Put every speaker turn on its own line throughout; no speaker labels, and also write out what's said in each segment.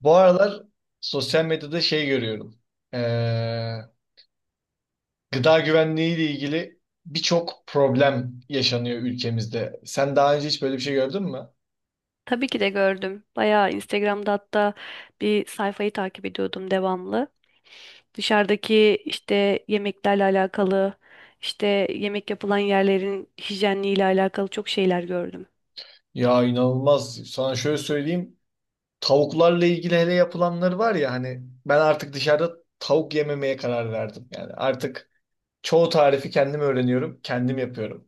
Bu aralar sosyal medyada şey görüyorum. Ee, gıda güvenliği ile ilgili birçok problem yaşanıyor ülkemizde. Sen daha önce hiç böyle bir şey gördün mü?
Tabii ki de gördüm. Bayağı Instagram'da hatta bir sayfayı takip ediyordum devamlı. Dışarıdaki işte yemeklerle alakalı, işte yemek yapılan yerlerin hijyenliğiyle alakalı çok şeyler gördüm.
Ya inanılmaz. Sana şöyle söyleyeyim. Tavuklarla ilgili hele yapılanları var ya hani ben artık dışarıda tavuk yememeye karar verdim. Yani artık çoğu tarifi kendim öğreniyorum, kendim yapıyorum.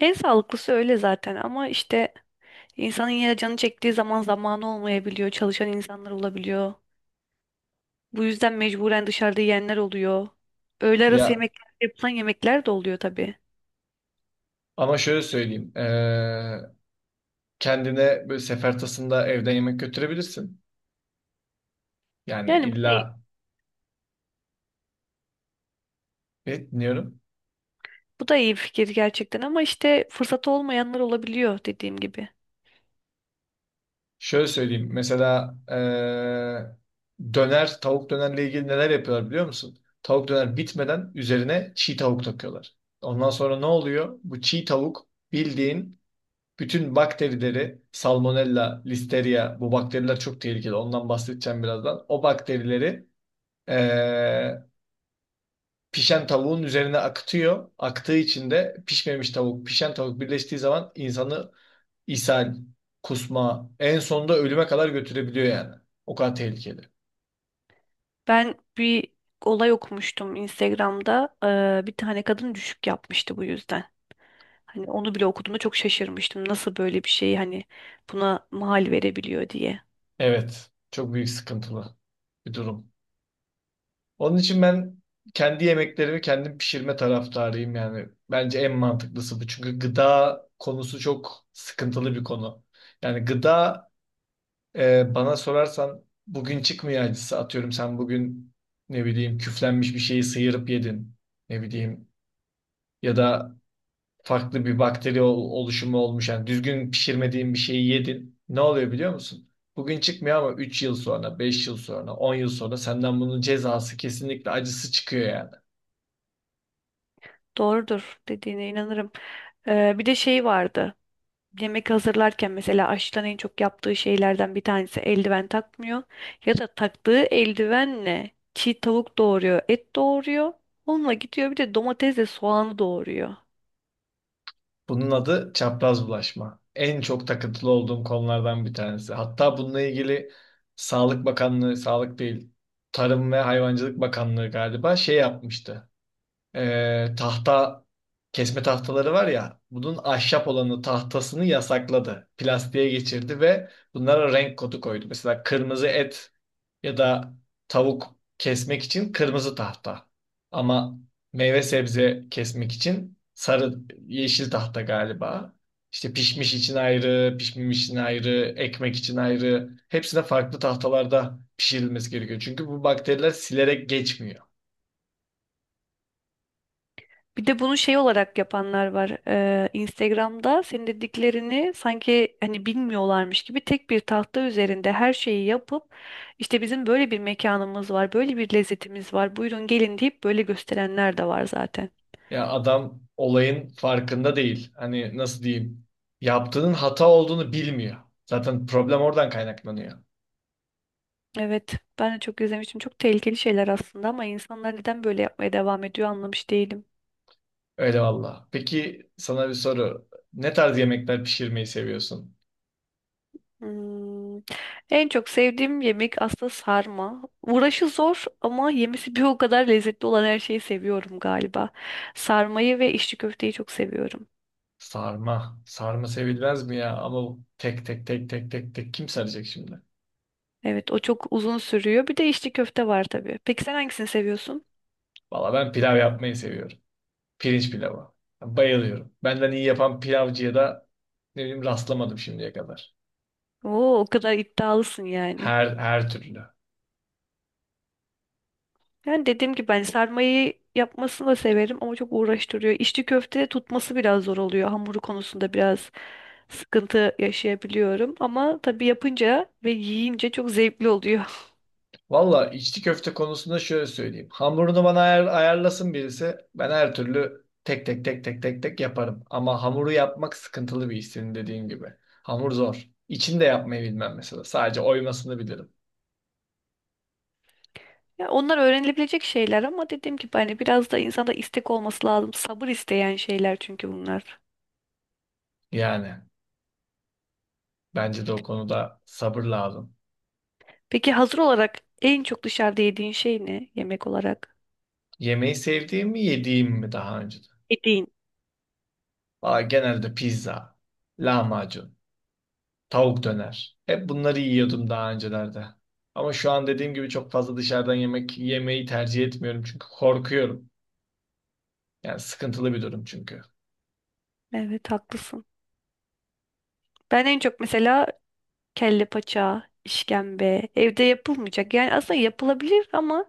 En sağlıklısı öyle zaten ama işte insanın yine canı çektiği zaman zamanı olmayabiliyor. Çalışan insanlar olabiliyor. Bu yüzden mecburen dışarıda yiyenler oluyor. Öğle arası
Ya
yemekler yapılan yemekler de oluyor tabii.
ama şöyle söyleyeyim. Kendine böyle sefer tasında evden yemek götürebilirsin. Yani
Yani bu ne?
illa ne dinliyorum.
Bu da iyi bir fikir gerçekten ama işte fırsatı olmayanlar olabiliyor dediğim gibi.
Şöyle söyleyeyim. Mesela döner, tavuk dönerle ilgili neler yapıyorlar biliyor musun? Tavuk döner bitmeden üzerine çiğ tavuk takıyorlar. Ondan sonra ne oluyor? Bu çiğ tavuk bildiğin bütün bakterileri, salmonella, listeria, bu bakteriler çok tehlikeli. Ondan bahsedeceğim birazdan. O bakterileri eee, pişen tavuğun üzerine akıtıyor. Aktığı için de pişmemiş tavuk, pişen tavuk birleştiği zaman insanı ishal, kusma en sonunda ölüme kadar götürebiliyor yani. O kadar tehlikeli.
Ben bir olay okumuştum Instagram'da. Bir tane kadın düşük yapmıştı bu yüzden. Hani onu bile okuduğumda çok şaşırmıştım. Nasıl böyle bir şey hani buna mahal verebiliyor diye.
Evet. Çok büyük sıkıntılı bir durum. Onun için ben kendi yemeklerimi kendim pişirme taraftarıyım yani. Bence en mantıklısı bu. Çünkü gıda konusu çok sıkıntılı bir konu. Yani gıda. Bana sorarsan bugün çıkmıyor acısı. Atıyorum sen bugün ne bileyim küflenmiş bir şeyi sıyırıp yedin. Ne bileyim ya da farklı bir bakteri oluşumu olmuş. Yani düzgün pişirmediğin bir şeyi yedin. Ne oluyor biliyor musun? Bugün çıkmıyor ama 3 yıl sonra, 5 yıl sonra, 10 yıl sonra senden bunun cezası kesinlikle acısı çıkıyor yani.
Doğrudur dediğine inanırım. Bir de şey vardı. Yemek hazırlarken mesela aşçıların en çok yaptığı şeylerden bir tanesi eldiven takmıyor. Ya da taktığı eldivenle çiğ tavuk doğuruyor, et doğuruyor. Onunla gidiyor bir de domatesle soğanı doğuruyor.
Bunun adı çapraz bulaşma. En çok takıntılı olduğum konulardan bir tanesi. Hatta bununla ilgili Sağlık Bakanlığı, Sağlık değil, Tarım ve Hayvancılık Bakanlığı galiba şey yapmıştı. Tahta, kesme tahtaları var ya bunun ahşap olanı tahtasını yasakladı. Plastiğe geçirdi ve bunlara renk kodu koydu. Mesela kırmızı et ya da tavuk kesmek için kırmızı tahta. Ama meyve sebze kesmek için sarı yeşil tahta galiba. İşte pişmiş için ayrı, pişmemiş için ayrı, ekmek için ayrı. Hepsine farklı tahtalarda pişirilmesi gerekiyor. Çünkü bu bakteriler silerek geçmiyor.
Bir de bunu şey olarak yapanlar var. Instagram'da senin dediklerini sanki hani bilmiyorlarmış gibi tek bir tahta üzerinde her şeyi yapıp işte bizim böyle bir mekanımız var, böyle bir lezzetimiz var. Buyurun gelin deyip böyle gösterenler de var zaten.
Ya adam olayın farkında değil. Hani nasıl diyeyim? Yaptığının hata olduğunu bilmiyor. Zaten problem oradan kaynaklanıyor.
Evet, ben de çok izlemiştim. Çok tehlikeli şeyler aslında ama insanlar neden böyle yapmaya devam ediyor anlamış değilim.
Öyle valla. Peki sana bir soru. Ne tarz yemekler pişirmeyi seviyorsun?
Hmm. En çok sevdiğim yemek aslında sarma. Uğraşı zor ama yemesi bir o kadar lezzetli olan her şeyi seviyorum galiba. Sarmayı ve içli köfteyi çok seviyorum.
Sarma. Sarma sevilmez mi ya? Ama tek tek tek tek tek tek kim saracak şimdi?
Evet, o çok uzun sürüyor. Bir de içli köfte var tabii. Peki sen hangisini seviyorsun?
Valla ben pilav yapmayı seviyorum. Pirinç pilavı. Bayılıyorum. Benden iyi yapan pilavcıya da ne bileyim rastlamadım şimdiye kadar.
Oo, o kadar iddialısın yani.
Her türlü.
Yani dediğim gibi ben sarmayı yapmasını da severim ama çok uğraştırıyor. İçli köfte tutması biraz zor oluyor. Hamuru konusunda biraz sıkıntı yaşayabiliyorum. Ama tabii yapınca ve yiyince çok zevkli oluyor.
Valla içli köfte konusunda şöyle söyleyeyim. Hamurunu bana ayarlasın birisi. Ben her türlü tek tek tek tek tek tek yaparım. Ama hamuru yapmak sıkıntılı bir iş senin dediğin gibi. Hamur zor. İçini de yapmayı bilmem mesela. Sadece oymasını bilirim.
Ya onlar öğrenilebilecek şeyler ama dediğim gibi hani biraz da insanda istek olması lazım. Sabır isteyen şeyler çünkü bunlar.
Yani bence de o konuda sabır lazım.
Peki hazır olarak en çok dışarıda yediğin şey ne yemek olarak?
Yemeği sevdiğim mi yediğim mi daha önce?
Yediğin.
Valla genelde pizza, lahmacun, tavuk döner. Hep bunları yiyordum daha öncelerde. Ama şu an dediğim gibi çok fazla dışarıdan yemek yemeyi tercih etmiyorum çünkü korkuyorum. Yani sıkıntılı bir durum çünkü.
Evet haklısın. Ben en çok mesela kelle paça, işkembe evde yapılmayacak. Yani aslında yapılabilir ama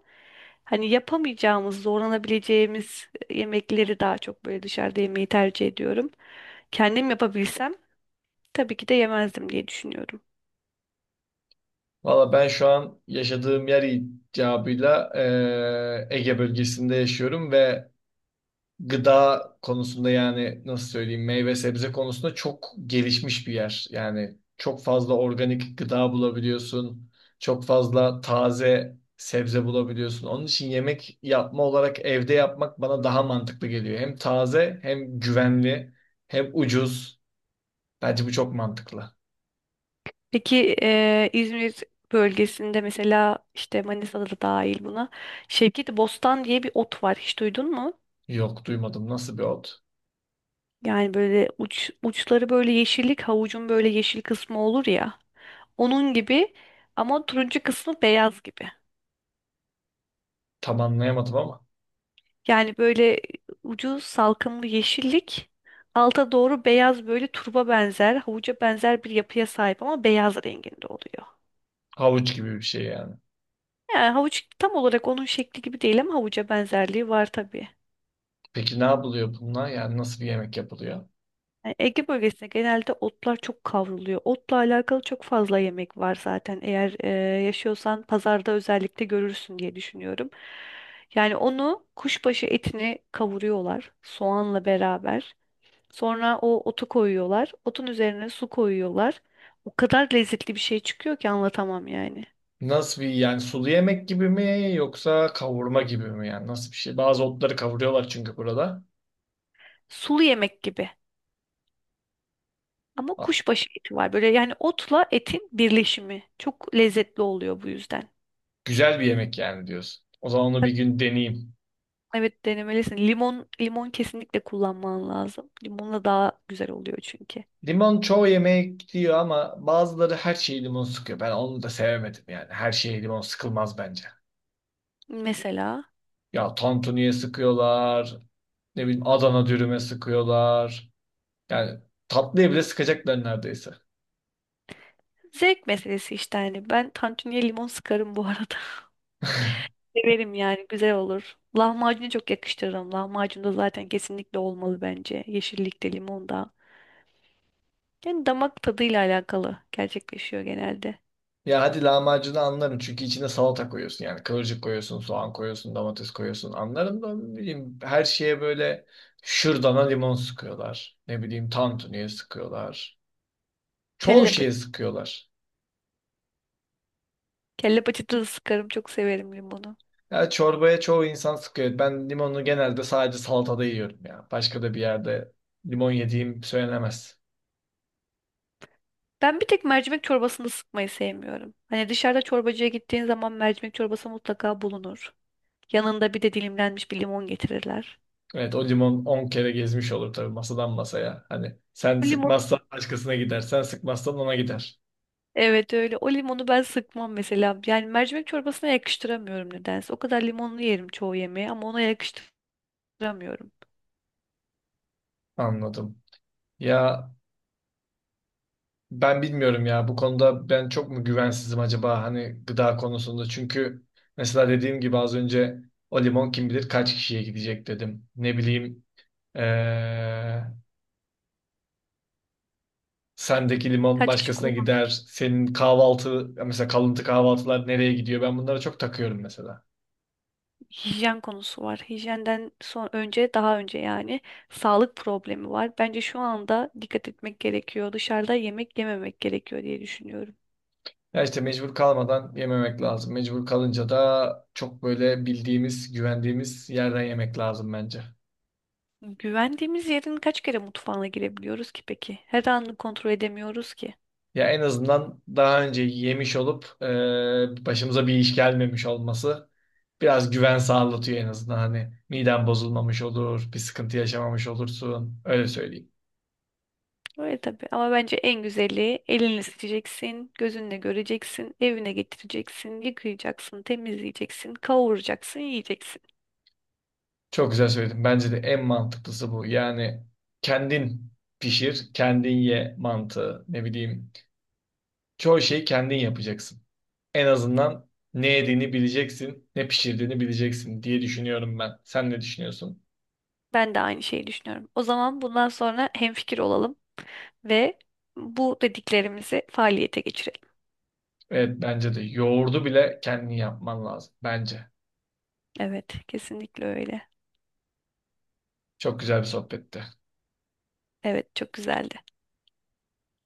hani yapamayacağımız, zorlanabileceğimiz yemekleri daha çok böyle dışarıda yemeyi tercih ediyorum. Kendim yapabilsem tabii ki de yemezdim diye düşünüyorum.
Valla ben şu an yaşadığım yer icabıyla Ege bölgesinde yaşıyorum ve gıda konusunda yani nasıl söyleyeyim meyve sebze konusunda çok gelişmiş bir yer. Yani çok fazla organik gıda bulabiliyorsun. Çok fazla taze sebze bulabiliyorsun. Onun için yemek yapma olarak evde yapmak bana daha mantıklı geliyor. Hem taze hem güvenli hem ucuz. Bence bu çok mantıklı.
Peki İzmir bölgesinde mesela işte Manisa'da da dahil buna Şevketi Bostan diye bir ot var. Hiç duydun mu?
Yok duymadım. Nasıl bir ot?
Yani böyle uçları böyle yeşillik, havucun böyle yeşil kısmı olur ya. Onun gibi ama turuncu kısmı beyaz gibi.
Tam anlayamadım ama
Yani böyle ucu salkımlı yeşillik, alta doğru beyaz böyle turba benzer, havuca benzer bir yapıya sahip ama beyaz renginde oluyor.
havuç gibi bir şey yani.
Yani havuç tam olarak onun şekli gibi değil ama havuca benzerliği var tabii.
Peki ne yapılıyor bununla? Yani nasıl bir yemek yapılıyor?
Yani Ege bölgesinde genelde otlar çok kavruluyor. Otla alakalı çok fazla yemek var zaten. Eğer yaşıyorsan pazarda özellikle görürsün diye düşünüyorum. Yani onu kuşbaşı etini kavuruyorlar soğanla beraber. Sonra o otu koyuyorlar. Otun üzerine su koyuyorlar. O kadar lezzetli bir şey çıkıyor ki anlatamam yani.
Nasıl bir yani sulu yemek gibi mi yoksa kavurma gibi mi yani nasıl bir şey? Bazı otları kavuruyorlar çünkü burada.
Sulu yemek gibi. Ama
Ha,
kuşbaşı eti var. Böyle yani otla etin birleşimi. Çok lezzetli oluyor bu yüzden.
güzel bir yemek yani diyorsun. O zaman onu bir
Tabii,
gün deneyeyim.
evet denemelisin. Limon kesinlikle kullanman lazım. Limonla daha güzel oluyor çünkü.
Limon çoğu yemek diyor ama bazıları her şeyi limon sıkıyor. Ben onu da sevemedim yani. Her şeye limon sıkılmaz bence.
Mesela
Ya tantuniye sıkıyorlar. Ne bileyim Adana dürüme sıkıyorlar. Yani tatlıya bile sıkacaklar neredeyse.
zevk meselesi işte hani ben tantuniye limon sıkarım bu arada. Severim yani güzel olur. Lahmacunu çok yakıştırırım. Lahmacun da zaten kesinlikle olmalı bence. Yeşillikte, limonda. Yani damak tadıyla alakalı gerçekleşiyor genelde.
Ya hadi lahmacunu anlarım çünkü içine salata koyuyorsun yani kıvırcık koyuyorsun, soğan koyuyorsun, domates koyuyorsun anlarım da ne bileyim her şeye böyle şırdana limon sıkıyorlar. Ne bileyim tantuniye sıkıyorlar. Çoğu
Kelle paça.
şeye sıkıyorlar.
Kelle paçada da sıkarım. Çok severim limonu.
Ya çorbaya çoğu insan sıkıyor. Ben limonu genelde sadece salatada yiyorum ya. Başka da bir yerde limon yediğim söylenemez.
Ben bir tek mercimek çorbasını sıkmayı sevmiyorum. Hani dışarıda çorbacıya gittiğin zaman mercimek çorbası mutlaka bulunur. Yanında bir de dilimlenmiş bir limon getirirler.
Evet o limon 10 kere gezmiş olur tabii masadan masaya. Hani sen
O limon
sıkmazsan başkasına gider, sen sıkmazsan ona gider.
evet öyle. O limonu ben sıkmam mesela. Yani mercimek çorbasına yakıştıramıyorum nedense. O kadar limonlu yerim çoğu yemeği ama ona yakıştıramıyorum. Hatırlamıyorum.
Anladım. Ya ben bilmiyorum ya bu konuda ben çok mu güvensizim acaba hani gıda konusunda. Çünkü mesela dediğim gibi az önce o limon kim bilir kaç kişiye gidecek dedim. Ne bileyim eee, sendeki limon
Kaç kişi
başkasına
kullandı?
gider. Senin kahvaltı mesela kalıntı kahvaltılar nereye gidiyor? Ben bunlara çok takıyorum mesela.
Hijyen konusu var. Hijyenden son önce daha önce yani sağlık problemi var. Bence şu anda dikkat etmek gerekiyor. Dışarıda yemek yememek gerekiyor diye düşünüyorum.
Ya işte mecbur kalmadan yememek lazım. Mecbur kalınca da çok böyle bildiğimiz, güvendiğimiz yerden yemek lazım bence.
Güvendiğimiz yerin kaç kere mutfağına girebiliyoruz ki peki? Her anını kontrol edemiyoruz ki.
Ya en azından daha önce yemiş olup başımıza bir iş gelmemiş olması biraz güven sağlatıyor en azından. Hani miden bozulmamış olur, bir sıkıntı yaşamamış olursun. Öyle söyleyeyim.
Öyle tabii ama bence en güzeli elinle seçeceksin, gözünle göreceksin, evine getireceksin, yıkayacaksın, temizleyeceksin, kavuracaksın, yiyeceksin.
Çok güzel söyledim. Bence de en mantıklısı bu. Yani kendin pişir, kendin ye mantığı. Ne bileyim. Çoğu şeyi kendin yapacaksın. En azından ne yediğini bileceksin, ne pişirdiğini bileceksin diye düşünüyorum ben. Sen ne düşünüyorsun?
Ben de aynı şeyi düşünüyorum. O zaman bundan sonra hemfikir olalım. Ve bu dediklerimizi faaliyete geçirelim.
Evet bence de yoğurdu bile kendin yapman lazım bence.
Evet, kesinlikle öyle.
Çok güzel bir sohbetti.
Evet, çok güzeldi.